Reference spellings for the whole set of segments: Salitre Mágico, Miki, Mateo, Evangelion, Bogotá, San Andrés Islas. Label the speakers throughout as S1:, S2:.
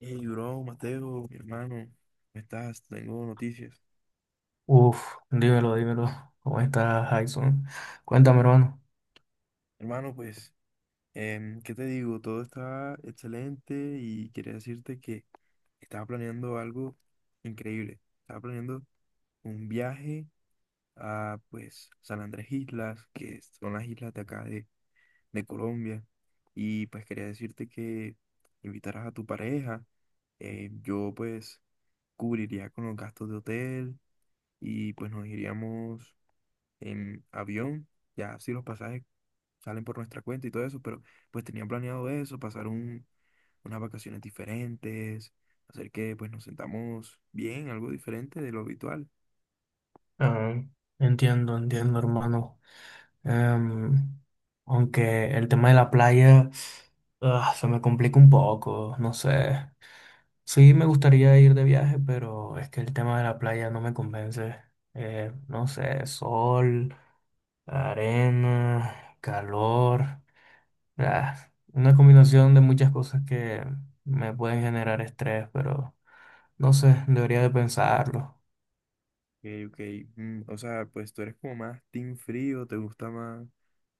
S1: Hey, bro, Mateo, mi hermano, ¿cómo estás? Tengo noticias.
S2: Uf, dímelo, dímelo. ¿Cómo está Jason? Cuéntame, hermano.
S1: Hermano, pues, ¿qué te digo? Todo está excelente y quería decirte que estaba planeando algo increíble. Estaba planeando un viaje a, pues, San Andrés Islas, que son las islas de acá de Colombia. Y pues quería decirte que invitaras a tu pareja. Yo, pues, cubriría con los gastos de hotel y, pues, nos iríamos en avión, ya si los pasajes salen por nuestra cuenta y todo eso, pero pues tenía planeado eso, pasar unas vacaciones diferentes, hacer que pues nos sentamos bien, algo diferente de lo habitual.
S2: Ah, entiendo, entiendo, hermano. Em, Aunque el tema de la playa, se me complica un poco, no sé. Sí, me gustaría ir de viaje, pero es que el tema de la playa no me convence. No sé, sol, arena, calor, ah, una combinación de muchas cosas que me pueden generar estrés, pero... No sé, debería de pensarlo.
S1: Ok, ok, o sea, pues tú eres como más team frío, te gusta más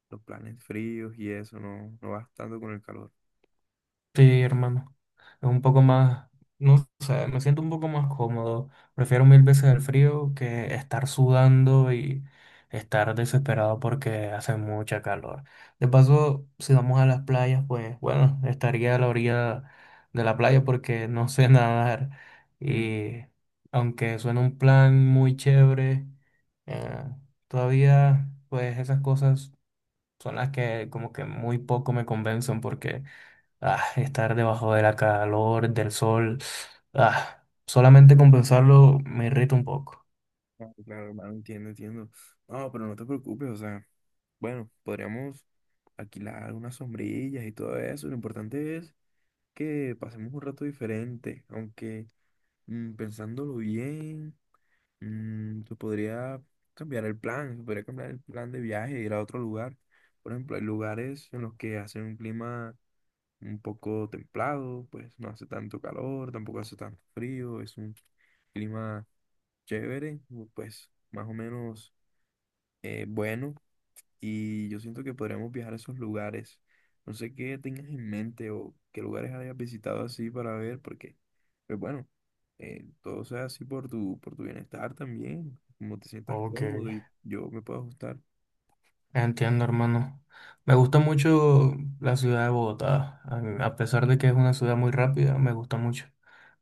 S1: los planes fríos y eso, no, no vas tanto con el calor.
S2: Sí, hermano. Es un poco más, no sé, me siento un poco más cómodo. Prefiero mil veces el frío que estar sudando y estar desesperado porque hace mucha calor. De paso, si vamos a las playas, pues bueno, estaría a la orilla de la playa porque no sé nadar.
S1: Mm.
S2: Y aunque suena un plan muy chévere, eh, todavía pues esas cosas son las que como que muy poco me convencen porque estar debajo de la calor, del sol, solamente compensarlo me irrita un poco.
S1: Claro, claro, hermano, entiendo, entiendo. No, pero no te preocupes, o sea, bueno, podríamos alquilar unas sombrillas y todo eso, lo importante es que pasemos un rato diferente, aunque, pensándolo bien, se podría cambiar el plan, se podría cambiar el plan de viaje, ir a otro lugar. Por ejemplo, hay lugares en los que hace un clima un poco templado, pues no hace tanto calor, tampoco hace tanto frío, es un clima chévere, pues más o menos, bueno, y yo siento que podríamos viajar a esos lugares. No sé qué tengas en mente o qué lugares hayas visitado así para ver, porque, pues bueno, todo sea así por por tu bienestar también, como te sientas
S2: Ok,
S1: cómodo y yo me puedo ajustar.
S2: entiendo, hermano. Me gusta mucho la ciudad de Bogotá, a pesar de que es una ciudad muy rápida, me gusta mucho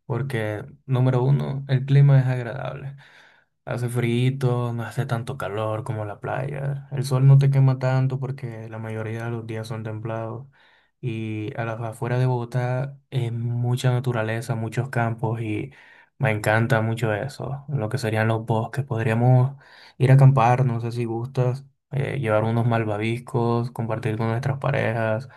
S2: porque, número uno, el clima es agradable. Hace frío, no hace tanto calor como la playa. El sol no te quema tanto porque la mayoría de los días son templados. Y a las afueras de Bogotá es mucha naturaleza, muchos campos y me encanta mucho eso. Lo que serían los bosques. Podríamos ir a acampar, no sé si gustas, llevar unos malvaviscos, compartir con nuestras parejas.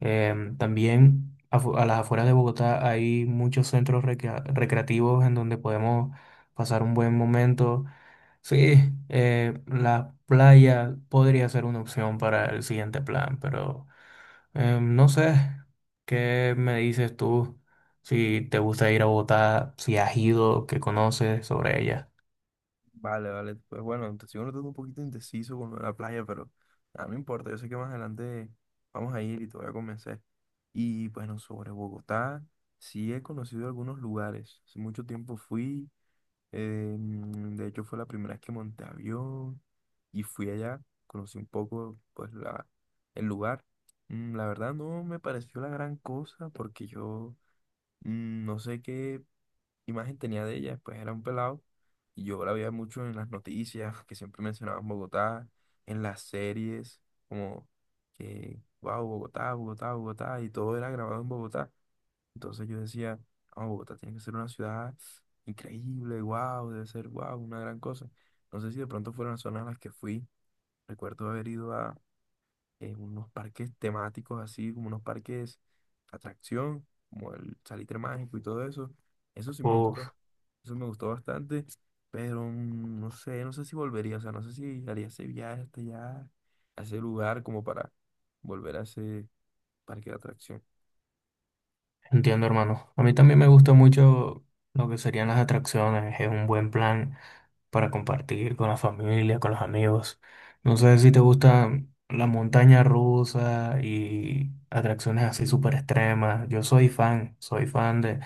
S2: También a las afueras de Bogotá hay muchos centros recreativos en donde podemos pasar un buen momento. Sí, la playa podría ser una opción para el siguiente plan, pero no sé qué me dices tú, si te gusta ir a Bogotá, si has ido, qué conoces sobre ella.
S1: Vale, vale, pues bueno, te sigo notando un poquito indeciso con lo de la playa, pero nada, no importa, yo sé que más adelante vamos a ir y te voy a convencer. Y bueno, sobre Bogotá, sí he conocido algunos lugares, hace mucho tiempo fui. De hecho, fue la primera vez que monté avión y fui allá, conocí un poco pues el lugar. La verdad no me pareció la gran cosa porque yo, no sé qué imagen tenía de ella, pues era un pelado y yo la veía mucho en las noticias que siempre mencionaban Bogotá, en las series, como que, wow, Bogotá, Bogotá, Bogotá, y todo era grabado en Bogotá. Entonces yo decía, oh, Bogotá tiene que ser una ciudad increíble, wow, debe ser wow, una gran cosa. No sé si de pronto fueron las zonas a las que fui. Recuerdo haber ido a unos parques temáticos, así como unos parques atracción, como el Salitre Mágico y todo eso. Eso sí me gustó,
S2: Uf,
S1: eso me gustó bastante, pero, no sé, no sé si volvería, o sea, no sé si haría ese viaje hasta allá, a ese lugar como para volver a ese parque de atracción.
S2: entiendo, hermano. A mí también me gusta mucho lo que serían las atracciones, es un buen plan para compartir con la familia, con los amigos. No sé si te gusta la montaña rusa y atracciones así súper extremas. Yo soy fan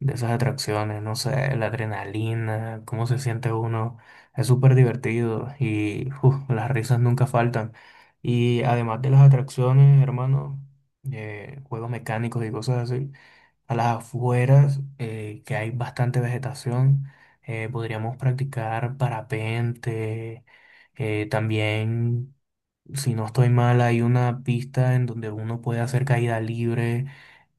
S2: de esas atracciones. No sé, la adrenalina, cómo se siente uno. Es súper divertido y uf, las risas nunca faltan. Y además de las atracciones, hermano, juegos mecánicos y cosas así. A las afueras, que hay bastante vegetación, podríamos practicar parapente. También, si no estoy mal, hay una pista en donde uno puede hacer caída libre,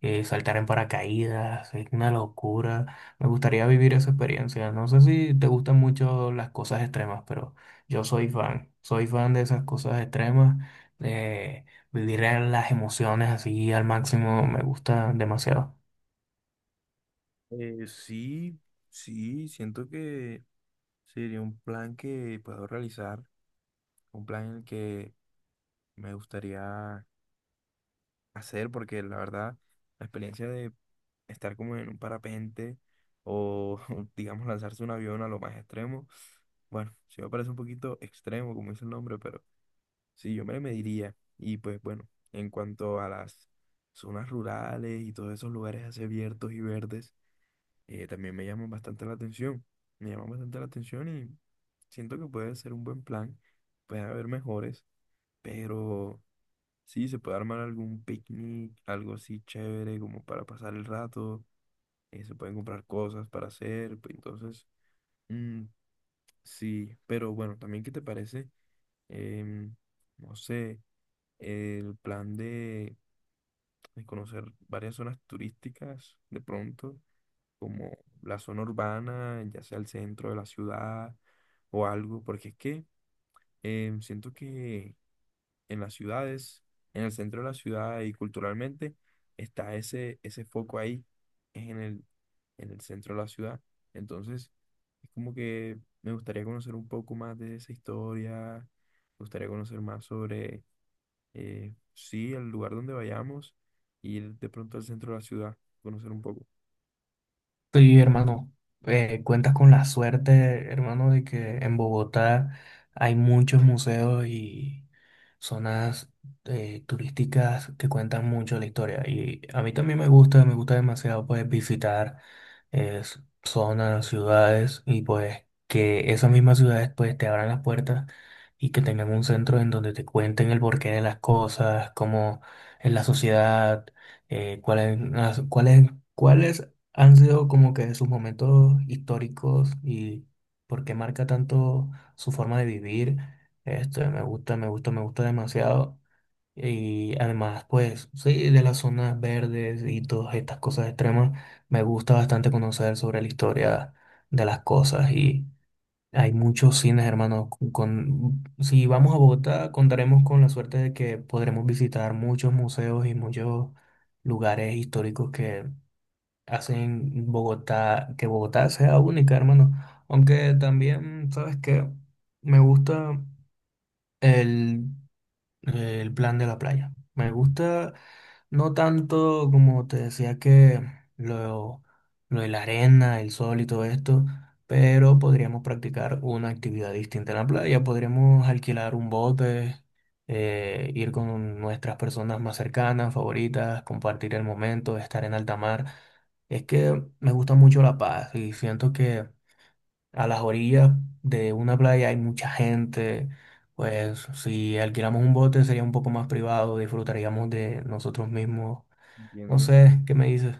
S2: saltar en paracaídas. Es una locura. Me gustaría vivir esa experiencia. No sé si te gustan mucho las cosas extremas, pero yo soy fan. Soy fan de esas cosas extremas, de vivir las emociones así al máximo. Me gusta demasiado.
S1: Sí, sí, siento que sería un plan que puedo realizar, un plan en el que me gustaría hacer, porque la verdad, la experiencia de estar como en un parapente o, digamos, lanzarse un avión a lo más extremo, bueno, sí me parece un poquito extremo, como dice el nombre, pero sí, yo me le mediría. Y pues bueno, en cuanto a las zonas rurales y todos esos lugares así abiertos y verdes, también me llama bastante la atención. Me llama bastante la atención y siento que puede ser un buen plan. Puede haber mejores, pero sí, se puede armar algún picnic, algo así chévere como para pasar el rato. Se pueden comprar cosas para hacer. Pues entonces, mm, sí, pero bueno, también qué te parece, em, no sé, el plan de conocer varias zonas turísticas de pronto, como la zona urbana, ya sea el centro de la ciudad o algo, porque es que, siento que en las ciudades, en el centro de la ciudad y culturalmente, está ese, ese foco ahí, es en en el centro de la ciudad. Entonces, es como que me gustaría conocer un poco más de esa historia, me gustaría conocer más sobre, sí, el lugar donde vayamos, ir de pronto al centro de la ciudad, conocer un poco.
S2: Sí, hermano, cuentas con la suerte, hermano, de que en Bogotá hay muchos museos y zonas turísticas que cuentan mucho la historia. Y a mí también me gusta demasiado pues visitar zonas, ciudades y pues que esas mismas ciudades pues te abran las puertas y que tengan un centro en donde te cuenten el porqué de las cosas, cómo es la sociedad, cuáles, cuáles han sido como que sus momentos históricos y porque marca tanto su forma de vivir. Esto me gusta, me gusta, me gusta demasiado. Y además, pues, sí, de las zonas verdes y todas estas cosas extremas, me gusta bastante conocer sobre la historia de las cosas. Y hay muchos cines, hermanos. Si vamos a Bogotá, contaremos con la suerte de que podremos visitar muchos museos y muchos lugares históricos que hacen Bogotá, que Bogotá sea única, hermano. Aunque también, ¿sabes qué? Me gusta el el plan de la playa. Me gusta no tanto como te decía que lo, lo de la arena, el sol y todo esto, pero podríamos practicar una actividad distinta en la playa. Podríamos alquilar un bote, ir con nuestras personas más cercanas, favoritas, compartir el momento, estar en alta mar. Es que me gusta mucho La Paz y siento que a las orillas de una playa hay mucha gente, pues si alquilamos un bote sería un poco más privado, disfrutaríamos
S1: Mm.
S2: de nosotros mismos. No
S1: Entiendo.
S2: sé, ¿qué me dices?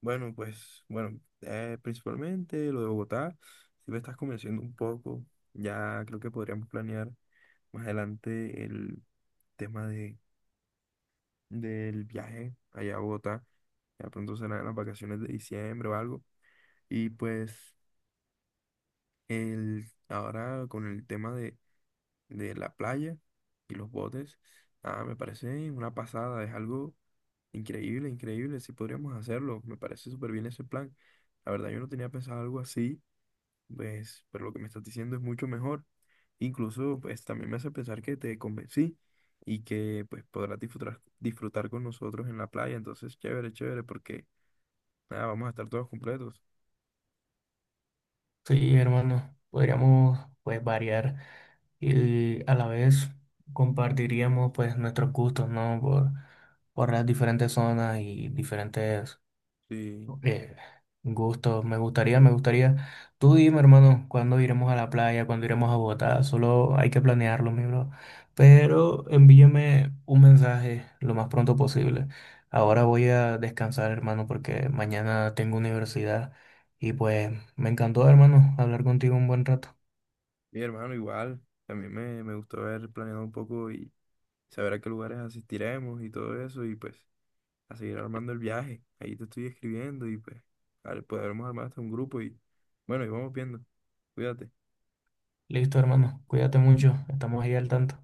S1: Bueno, pues, bueno, principalmente lo de Bogotá, si me estás convenciendo un poco, ya creo que podríamos planear más adelante el tema de, del viaje allá a Bogotá, ya pronto serán las vacaciones de diciembre o algo, y pues ahora con el tema de la playa y los botes, ah, me parece una pasada, es algo increíble, increíble, si podríamos hacerlo, me parece súper bien ese plan, la verdad yo no tenía pensado algo así. Pues, pero lo que me estás diciendo es mucho mejor. Incluso, pues, también me hace pensar que te convencí y que, pues, podrás disfrutar, disfrutar con nosotros en la playa. Entonces, chévere, chévere, porque, nada, vamos a estar todos completos.
S2: Sí, hermano, podríamos pues variar y a la vez compartiríamos pues nuestros gustos, ¿no? Por las diferentes zonas y diferentes.
S1: Sí,
S2: Eh, Gusto, me gustaría, me gustaría. Tú dime, hermano, cuándo iremos a la playa, cuándo iremos a Bogotá. Solo hay que planearlo, mi bro. Pero envíame un mensaje lo más pronto posible. Ahora voy a descansar, hermano, porque mañana tengo universidad. Y pues me encantó, hermano, hablar contigo un buen rato.
S1: mi hermano, igual. También me gustó haber planeado un poco y saber a qué lugares asistiremos y todo eso. Y, pues, a seguir armando el viaje. Ahí te estoy escribiendo y, pues, podremos armar hasta un grupo y, bueno, y vamos viendo. Cuídate.
S2: Listo, hermano. Cuídate mucho. Estamos ahí al tanto.